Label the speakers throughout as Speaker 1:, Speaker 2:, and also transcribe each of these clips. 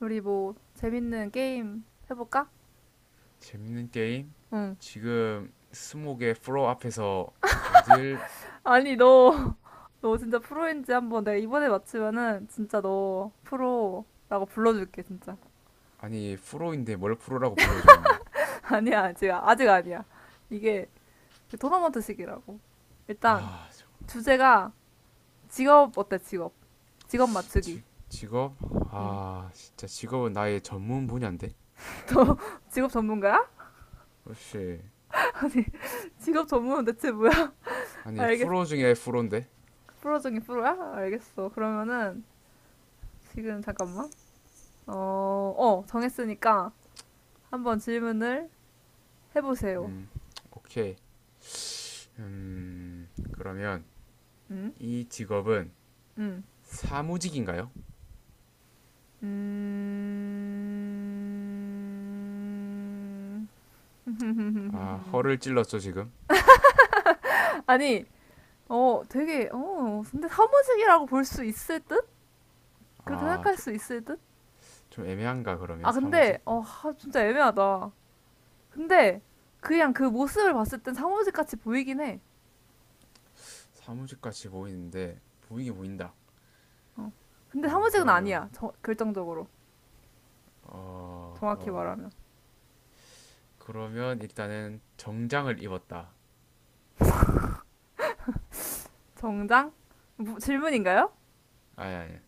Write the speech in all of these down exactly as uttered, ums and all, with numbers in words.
Speaker 1: 우리 뭐 재밌는 게임 해볼까?
Speaker 2: 재밌는 게임?
Speaker 1: 응.
Speaker 2: 지금 스모의 프로 앞에서 어딜.
Speaker 1: 아니 너, 너 진짜 프로인지 한번 내가 이번에 맞추면은 진짜 너 프로라고 불러줄게 진짜.
Speaker 2: 아니 프로인데 뭘 프로라고 불러줘 이미.
Speaker 1: 아니야, 지금 아직 아니야. 이게 토너먼트식이라고. 일단
Speaker 2: 아
Speaker 1: 주제가 직업 어때, 직업? 직업 맞추기.
Speaker 2: 지, 직업?
Speaker 1: 응.
Speaker 2: 아 진짜 직업은 나의 전문 분야인데
Speaker 1: 너 직업 전문가야?
Speaker 2: 혹시.
Speaker 1: 아니, 직업 전문은 대체 뭐야?
Speaker 2: 아니
Speaker 1: 알겠어.
Speaker 2: 프로 중에 프로인데.
Speaker 1: 프로 중에 프로야? 알겠어. 그러면은 지금 잠깐만. 어, 어 정했으니까 한번 질문을 해보세요.
Speaker 2: 오케이. 음 그러면
Speaker 1: 음?
Speaker 2: 이 직업은
Speaker 1: 음.
Speaker 2: 사무직인가요?
Speaker 1: 음...
Speaker 2: 아 허를 찔렀죠 지금.
Speaker 1: 아니, 어, 되게, 어, 근데 사무직이라고 볼 수 있을 듯? 그렇게
Speaker 2: 아좀
Speaker 1: 생각할
Speaker 2: 좀
Speaker 1: 수 있을 듯?
Speaker 2: 좀 애매한가 그러면
Speaker 1: 아, 근데,
Speaker 2: 사무직?
Speaker 1: 어, 하, 진짜 애매하다. 근데, 그냥 그 모습을 봤을 땐 사무직 같이 보이긴 해.
Speaker 2: 사무직 같이 보이는데 보이게 보인다.
Speaker 1: 어. 근데
Speaker 2: 어
Speaker 1: 사무직은
Speaker 2: 그러면
Speaker 1: 아니야. 저, 결정적으로.
Speaker 2: 어,
Speaker 1: 정확히
Speaker 2: 어
Speaker 1: 말하면.
Speaker 2: 그러면 일단은 정장을 입었다.
Speaker 1: 정장? 뭐 질문인가요?
Speaker 2: 아니, 아니.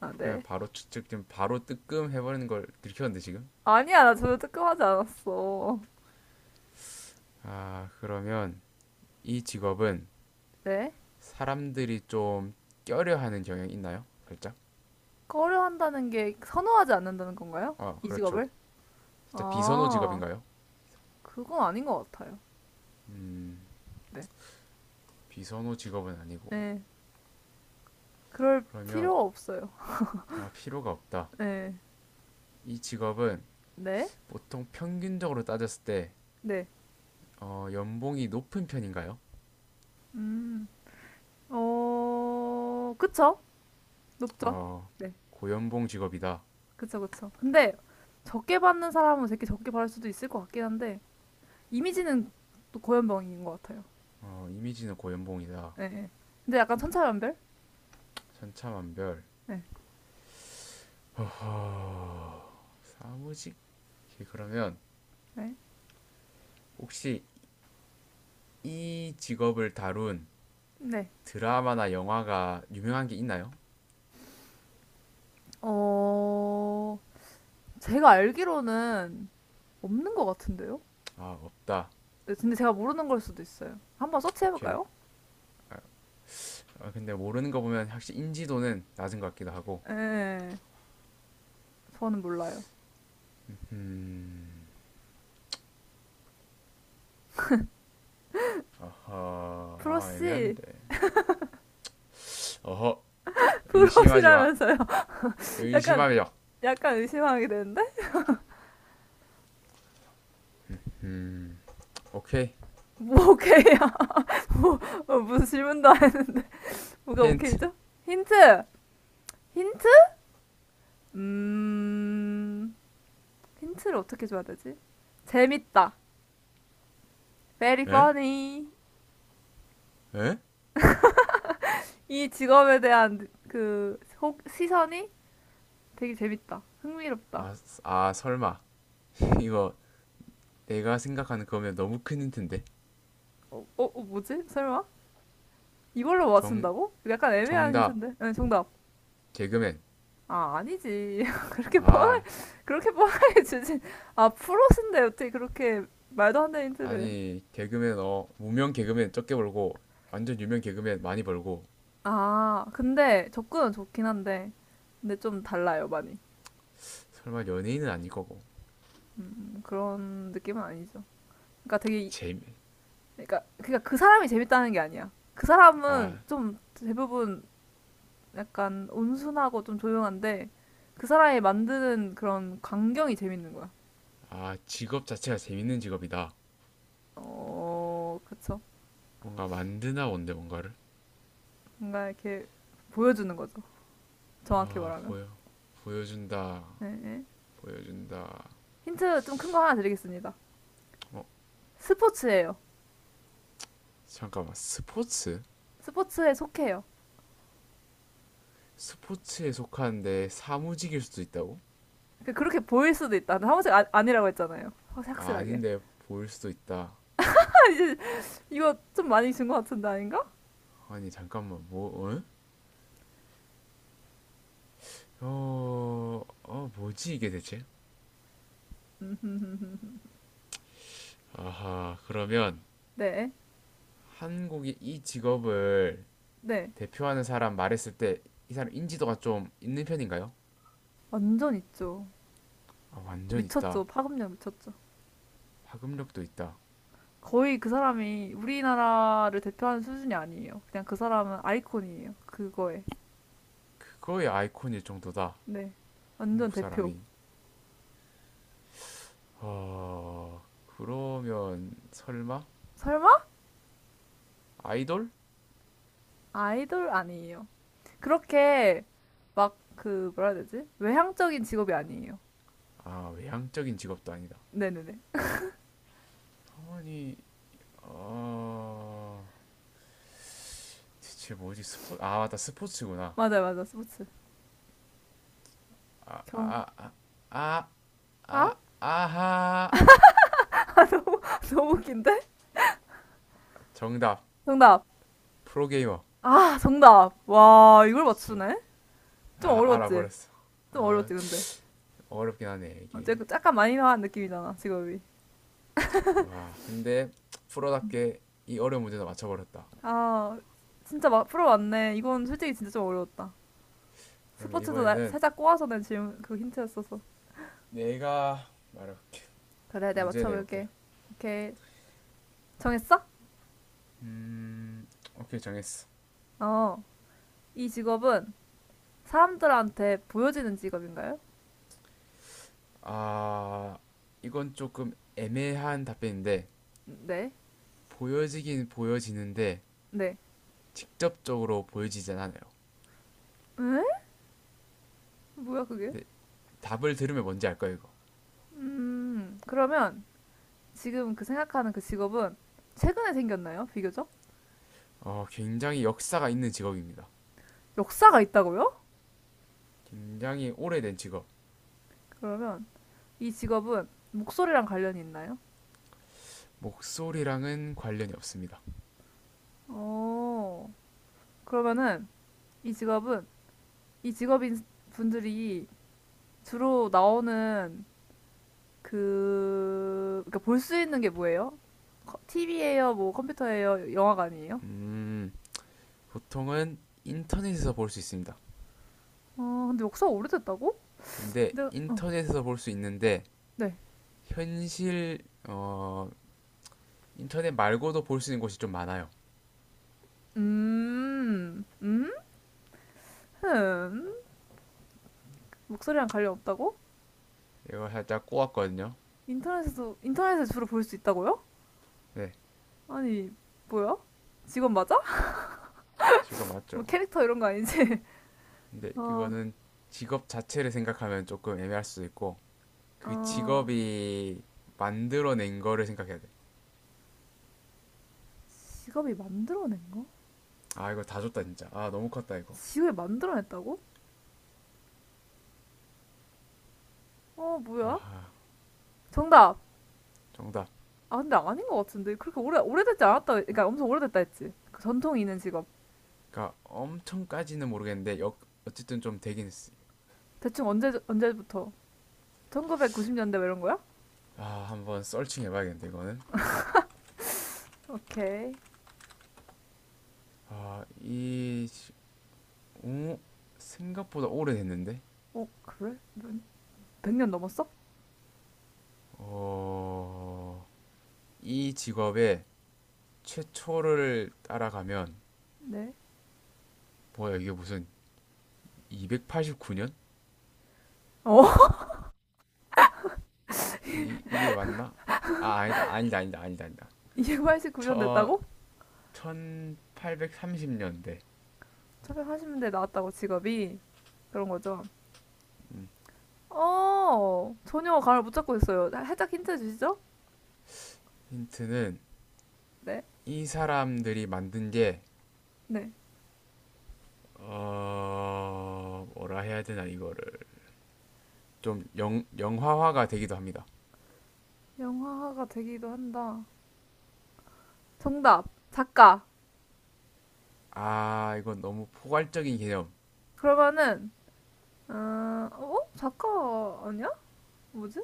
Speaker 1: 아,
Speaker 2: 그냥
Speaker 1: 네.
Speaker 2: 바로 추측, 좀 바로 뜨끔 해버리는 걸 들켰는데, 지금?
Speaker 1: 아니야, 나 전혀 뜨끔하지 않았어.
Speaker 2: 아, 그러면 이 직업은
Speaker 1: 네.
Speaker 2: 사람들이 좀 껴려하는 경향이 있나요? 살짝?
Speaker 1: 꺼려한다는 게 선호하지 않는다는 건가요?
Speaker 2: 아,
Speaker 1: 이
Speaker 2: 그렇죠.
Speaker 1: 직업을?
Speaker 2: 살짝 비선호
Speaker 1: 아,
Speaker 2: 직업인가요?
Speaker 1: 그건 아닌 것 같아요.
Speaker 2: 음,
Speaker 1: 네,
Speaker 2: 비선호 직업은 아니고.
Speaker 1: 네, 그럴
Speaker 2: 그러면,
Speaker 1: 필요가 없어요.
Speaker 2: 아, 필요가 없다.
Speaker 1: 네,
Speaker 2: 이 직업은
Speaker 1: 네,
Speaker 2: 보통 평균적으로 따졌을 때,
Speaker 1: 네,
Speaker 2: 어, 연봉이 높은 편인가요?
Speaker 1: 음, 어, 그쵸? 높죠?
Speaker 2: 어,
Speaker 1: 네,
Speaker 2: 고연봉 직업이다.
Speaker 1: 그쵸, 그쵸. 근데 적게 받는 사람은 되게 적게 받을 수도 있을 것 같긴 한데 이미지는 또 고연병인 것 같아요.
Speaker 2: 어, 이미지는 고연봉이다.
Speaker 1: 네, 네. 근데 약간 천차만별?
Speaker 2: 천차만별.
Speaker 1: 네,
Speaker 2: 사무직? 예, 그러면
Speaker 1: 네,
Speaker 2: 혹시 이 직업을 다룬
Speaker 1: 네.
Speaker 2: 드라마나 영화가 유명한 게 있나요?
Speaker 1: 어, 제가 알기로는 없는 것 같은데요?
Speaker 2: 아, 없다.
Speaker 1: 네, 근데 제가 모르는 걸 수도 있어요. 한번
Speaker 2: 오케이.
Speaker 1: 서치해볼까요?
Speaker 2: 아, 근데 모르는 거 보면 확실히 인지도는 낮은 것 같기도 하고.
Speaker 1: 예, 저는 몰라요.
Speaker 2: 어허. 아,
Speaker 1: 프로씨,
Speaker 2: 애매한데. 어허. 의심하지 마.
Speaker 1: 프로씨라면서요.
Speaker 2: 의심하
Speaker 1: 약간,
Speaker 2: 며
Speaker 1: 약간 의심하게 되는데?
Speaker 2: 오케이.
Speaker 1: 뭐, 오케이야. 뭐, 어, 무슨 질문도 안 해. 뭐가
Speaker 2: 힌트.
Speaker 1: 오케이죠? 힌트! 힌트? 음, 힌트를 어떻게 줘야 되지? 재밌다. Very
Speaker 2: 에?
Speaker 1: funny.
Speaker 2: 에?
Speaker 1: 이 직업에 대한 그, 혹, 시선이 되게 재밌다. 흥미롭다.
Speaker 2: 아, 아, 설마. 이거 내가 생각하는 그거면 너무 큰 힌트인데.
Speaker 1: 어, 어, 어 뭐지? 설마? 이걸로
Speaker 2: 정,
Speaker 1: 맞춘다고? 약간 애매한
Speaker 2: 정답.
Speaker 1: 힌트인데. 네, 정답.
Speaker 2: 개그맨.
Speaker 1: 아, 아니지. 그렇게 뻔해,
Speaker 2: 아,
Speaker 1: 그렇게 뻔하게 주진. 아, 프로신데 어떻게 그렇게 말도 안 되는 힌트를.
Speaker 2: 아니 개그맨 어 무명 개그맨 적게 벌고 완전 유명 개그맨 많이 벌고.
Speaker 1: 아, 근데 접근은 좋긴 한데. 근데 좀 달라요, 많이.
Speaker 2: 설마 연예인은 아닐 거고.
Speaker 1: 음, 그런 느낌은 아니죠. 그러니까 되게, 이-
Speaker 2: 재미
Speaker 1: 그러니까, 그러니까 그 사람이 재밌다는 게 아니야. 그 사람은
Speaker 2: 아,
Speaker 1: 좀 대부분 약간 온순하고 좀 조용한데 그 사람이 만드는 그런 광경이 재밌는 거야.
Speaker 2: 아 직업 자체가 재밌는 직업이다.
Speaker 1: 어, 그쵸.
Speaker 2: 뭔가 만드나 뭔데 뭔가를.
Speaker 1: 뭔가 이렇게 보여주는 거죠. 정확히
Speaker 2: 아
Speaker 1: 말하면.
Speaker 2: 보여 보여준다.
Speaker 1: 네, 네.
Speaker 2: 보여준다.
Speaker 1: 힌트 좀 큰 거 하나 드리겠습니다.
Speaker 2: 어
Speaker 1: 스포츠예요.
Speaker 2: 잠깐만 스포츠.
Speaker 1: 스포츠에 속해요.
Speaker 2: 스포츠에 속하는데 사무직일 수도 있다고.
Speaker 1: 그- 렇게 보일 수도 있다. 근데 한 번씩 아, 아니라고 했잖아요. 확-
Speaker 2: 아,
Speaker 1: 확실하게.
Speaker 2: 아닌데 보일 수도 있다.
Speaker 1: 이제 이거 좀 많이 준 것 같은데 아닌가?
Speaker 2: 아니 잠깐만 뭐 어? 어, 어 뭐지 이게 대체. 아하 그러면
Speaker 1: 네,
Speaker 2: 한국이 이 직업을
Speaker 1: 네.
Speaker 2: 대표하는 사람 말했을 때 이 사람 인지도가 좀 있는 편인가요?
Speaker 1: 완전 있죠.
Speaker 2: 아, 완전
Speaker 1: 미쳤죠.
Speaker 2: 있다.
Speaker 1: 파급력 미쳤죠.
Speaker 2: 파급력도 있다.
Speaker 1: 거의 그 사람이 우리나라를 대표하는 수준이 아니에요. 그냥 그 사람은 아이콘이에요. 그거에.
Speaker 2: 그거의 아이콘일 정도다.
Speaker 1: 네. 완전
Speaker 2: 한국
Speaker 1: 대표.
Speaker 2: 사람이. 아, 그러면 설마
Speaker 1: 설마?
Speaker 2: 아이돌?
Speaker 1: 아이돌 아니에요. 그렇게 막 그 뭐라 해야 되지? 외향적인 직업이 아니에요.
Speaker 2: 아, 외향적인 직업도 아니다.
Speaker 1: 네네네.
Speaker 2: 아니, 아, 대체 뭐지? 스포, 아, 맞다. 스포츠구나.
Speaker 1: 맞아요, 맞아. 스포츠.
Speaker 2: 아,
Speaker 1: 경,
Speaker 2: 아, 아, 아,
Speaker 1: 아?
Speaker 2: 아, 아하.
Speaker 1: 아, 너무, 너무 웃긴데?
Speaker 2: 정답.
Speaker 1: 정답.
Speaker 2: 프로게이머.
Speaker 1: 아, 정답. 와, 이걸
Speaker 2: 씨.
Speaker 1: 맞추네? 좀
Speaker 2: 아
Speaker 1: 어려웠지?
Speaker 2: 알아버렸어.
Speaker 1: 좀
Speaker 2: 아
Speaker 1: 어려웠지, 근데.
Speaker 2: 어렵긴 하네
Speaker 1: 어
Speaker 2: 이게.
Speaker 1: 쨌 약간 많이 나간 느낌이잖아, 직업이.
Speaker 2: 와 근데 프로답게 이 어려운 문제도 맞춰버렸다.
Speaker 1: 아, 진짜 막 프로 왔네. 이건 솔직히 진짜 좀 어려웠다.
Speaker 2: 그러면
Speaker 1: 스포츠도 나-
Speaker 2: 이번에는
Speaker 1: 살짝 꼬아서 낸 질문, 그 힌트였어서.
Speaker 2: 내가 말해볼게.
Speaker 1: 그래, 내가
Speaker 2: 문제 내볼게.
Speaker 1: 맞춰볼게. 오케이. 정했어?
Speaker 2: 음 오케이 정했어.
Speaker 1: 어. 이 직업은 사람들한테 보여지는 직업인가요?
Speaker 2: 아 이건 조금 애매한 답변인데
Speaker 1: 네.
Speaker 2: 보여지긴 보여지는데
Speaker 1: 네.
Speaker 2: 직접적으로 보여지진 않아요.
Speaker 1: 에? 뭐야 그게?
Speaker 2: 근데 답을 들으면 뭔지 알 거예요 이거.
Speaker 1: 음, 그러면 지금 그 생각하는 그 직업은 최근에 생겼나요? 비교적?
Speaker 2: 어 굉장히 역사가 있는 직업입니다.
Speaker 1: 역사가 있다고요?
Speaker 2: 굉장히 오래된 직업.
Speaker 1: 그러면 이 직업은 목소리랑 관련이 있나요?
Speaker 2: 목소리랑은 관련이 없습니다.
Speaker 1: 어, 그러면은 이 직업은 이 직업인 분들이 주로 나오는 그, 그러니까 볼 수 있는 게 뭐예요? 티비예요? 뭐 컴퓨터예요? 영화관이에요?
Speaker 2: 음, 보통은 인터넷에서 볼 수 있습니다.
Speaker 1: 어, 근데 역사가 오래됐다고?
Speaker 2: 근데
Speaker 1: 근데, 어,
Speaker 2: 인터넷에서 볼 수 있는데
Speaker 1: 네.
Speaker 2: 현실 어 인터넷 말고도 볼 수 있는 곳이 좀 많아요.
Speaker 1: 음, 음, 흠. 목소리랑 관련 없다고?
Speaker 2: 이거 살짝 꼬았거든요.
Speaker 1: 인터넷에서, 인터넷에서 주로 볼 수 있다고요?
Speaker 2: 네,
Speaker 1: 아니, 뭐야? 직업 맞아?
Speaker 2: 직업 맞죠?
Speaker 1: 뭐 캐릭터 이런 거 아니지?
Speaker 2: 근데
Speaker 1: 어,
Speaker 2: 이거는 직업 자체를 생각하면 조금 애매할 수도 있고 그
Speaker 1: 어,
Speaker 2: 직업이 만들어낸 거를 생각해야 돼.
Speaker 1: 직업이 만들어낸 거?
Speaker 2: 아 이거 다 줬다 진짜. 아 너무 컸다 이거.
Speaker 1: 직업이 만들어냈다고? 어, 뭐야?
Speaker 2: 아
Speaker 1: 정답!
Speaker 2: 정답.
Speaker 1: 아, 근데 아닌 것 같은데. 그렇게 오래, 오래됐지 않았다. 그러니까 엄청 오래됐다 했지. 그 전통이 있는 직업.
Speaker 2: 그러니까 엄청까지는 모르겠는데 역- 어쨌든 좀 되긴 했어.
Speaker 1: 대충 언제, 언제부터? 천구백구십 년대 뭐 이런 거야?
Speaker 2: 아 한번 썰칭 해봐야겠는데 이거는.
Speaker 1: 오케이.
Speaker 2: 아, 이, 어? 생각보다 오래됐는데?
Speaker 1: 어, 그래? 백 100년 넘었어?
Speaker 2: 어, 이 직업의 최초를 따라가면,
Speaker 1: 네.
Speaker 2: 뭐야, 이게 무슨 이백팔십구 년?
Speaker 1: 어.
Speaker 2: 이, 이게 맞나? 아, 아니다, 아니다, 아니다, 아니다, 아니다.
Speaker 1: 이 팔 구
Speaker 2: 저,
Speaker 1: 구현됐다고?
Speaker 2: 천팔백삼십 년대.
Speaker 1: 차별영 년대데 나왔다고 직업이 그런 거죠. 어 전혀 감을 못 잡고 있어요. 살짝 힌트 주시죠?
Speaker 2: 힌트는,
Speaker 1: 네,
Speaker 2: 이 사람들이 만든 게,
Speaker 1: 네.
Speaker 2: 어, 뭐라 해야 되나, 이거를. 좀 영, 영화화가 되기도 합니다.
Speaker 1: 영화가 되기도 한다. 정답 작가.
Speaker 2: 아, 이건 너무 포괄적인 개념.
Speaker 1: 그러면은 어, 어? 작가 아니야? 뭐지?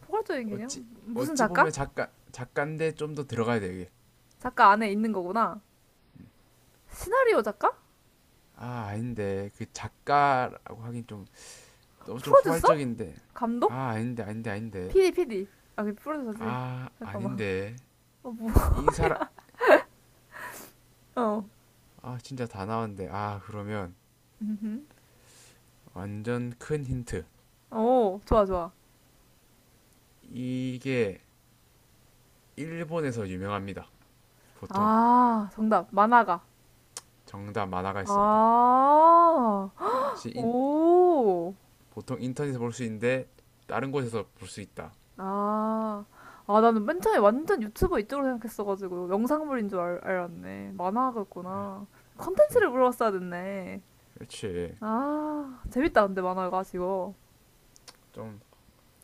Speaker 1: 포괄적인
Speaker 2: 어찌
Speaker 1: 개념? 무슨
Speaker 2: 어찌
Speaker 1: 작가?
Speaker 2: 보면 작가 작가인데 좀 더 들어가야 돼 이게.
Speaker 1: 작가 안에 있는 거구나. 시나리오 작가?
Speaker 2: 아 아닌데 그 작가라고 하긴 좀 너무 좀
Speaker 1: 프로듀서?
Speaker 2: 포괄적인데.
Speaker 1: 감독?
Speaker 2: 아 아닌데 아닌데 아닌데.
Speaker 1: 피디, 피디. 아, 그 프로듀서지.
Speaker 2: 아
Speaker 1: 잠깐만.
Speaker 2: 아닌데
Speaker 1: 어, 뭐.
Speaker 2: 이 사람.
Speaker 1: 어.
Speaker 2: 아 진짜 다 나왔는데 아 그러면
Speaker 1: 음, 음.
Speaker 2: 완전 큰 힌트
Speaker 1: 오, 좋아, 좋아.
Speaker 2: 이게 일본에서 유명합니다. 보통
Speaker 1: 아, 정답. 만화가.
Speaker 2: 정답 만화가 있습니다.
Speaker 1: 아,
Speaker 2: 인-
Speaker 1: 오.
Speaker 2: 보통 인터넷에서 볼 수 있는데 다른 곳에서 볼 수 있다.
Speaker 1: 아, 아, 나는 맨 처음에 완전 유튜버 이쪽으로 생각했어가지고 영상물인 줄 알, 알았네. 만화가였구나. 컨텐츠를 물어봤어야 됐네.
Speaker 2: 그렇지.
Speaker 1: 아, 재밌다, 근데 만화가 지금.
Speaker 2: 좀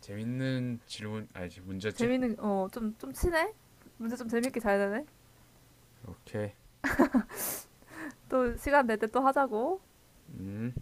Speaker 2: 재밌는 질문 아니지 문제지?
Speaker 1: 재밌는, 어, 좀, 좀 친해? 문제 좀 재밌게 잘 되네?
Speaker 2: 오케이.
Speaker 1: 또 시간 될 때 또 하자고.
Speaker 2: 음.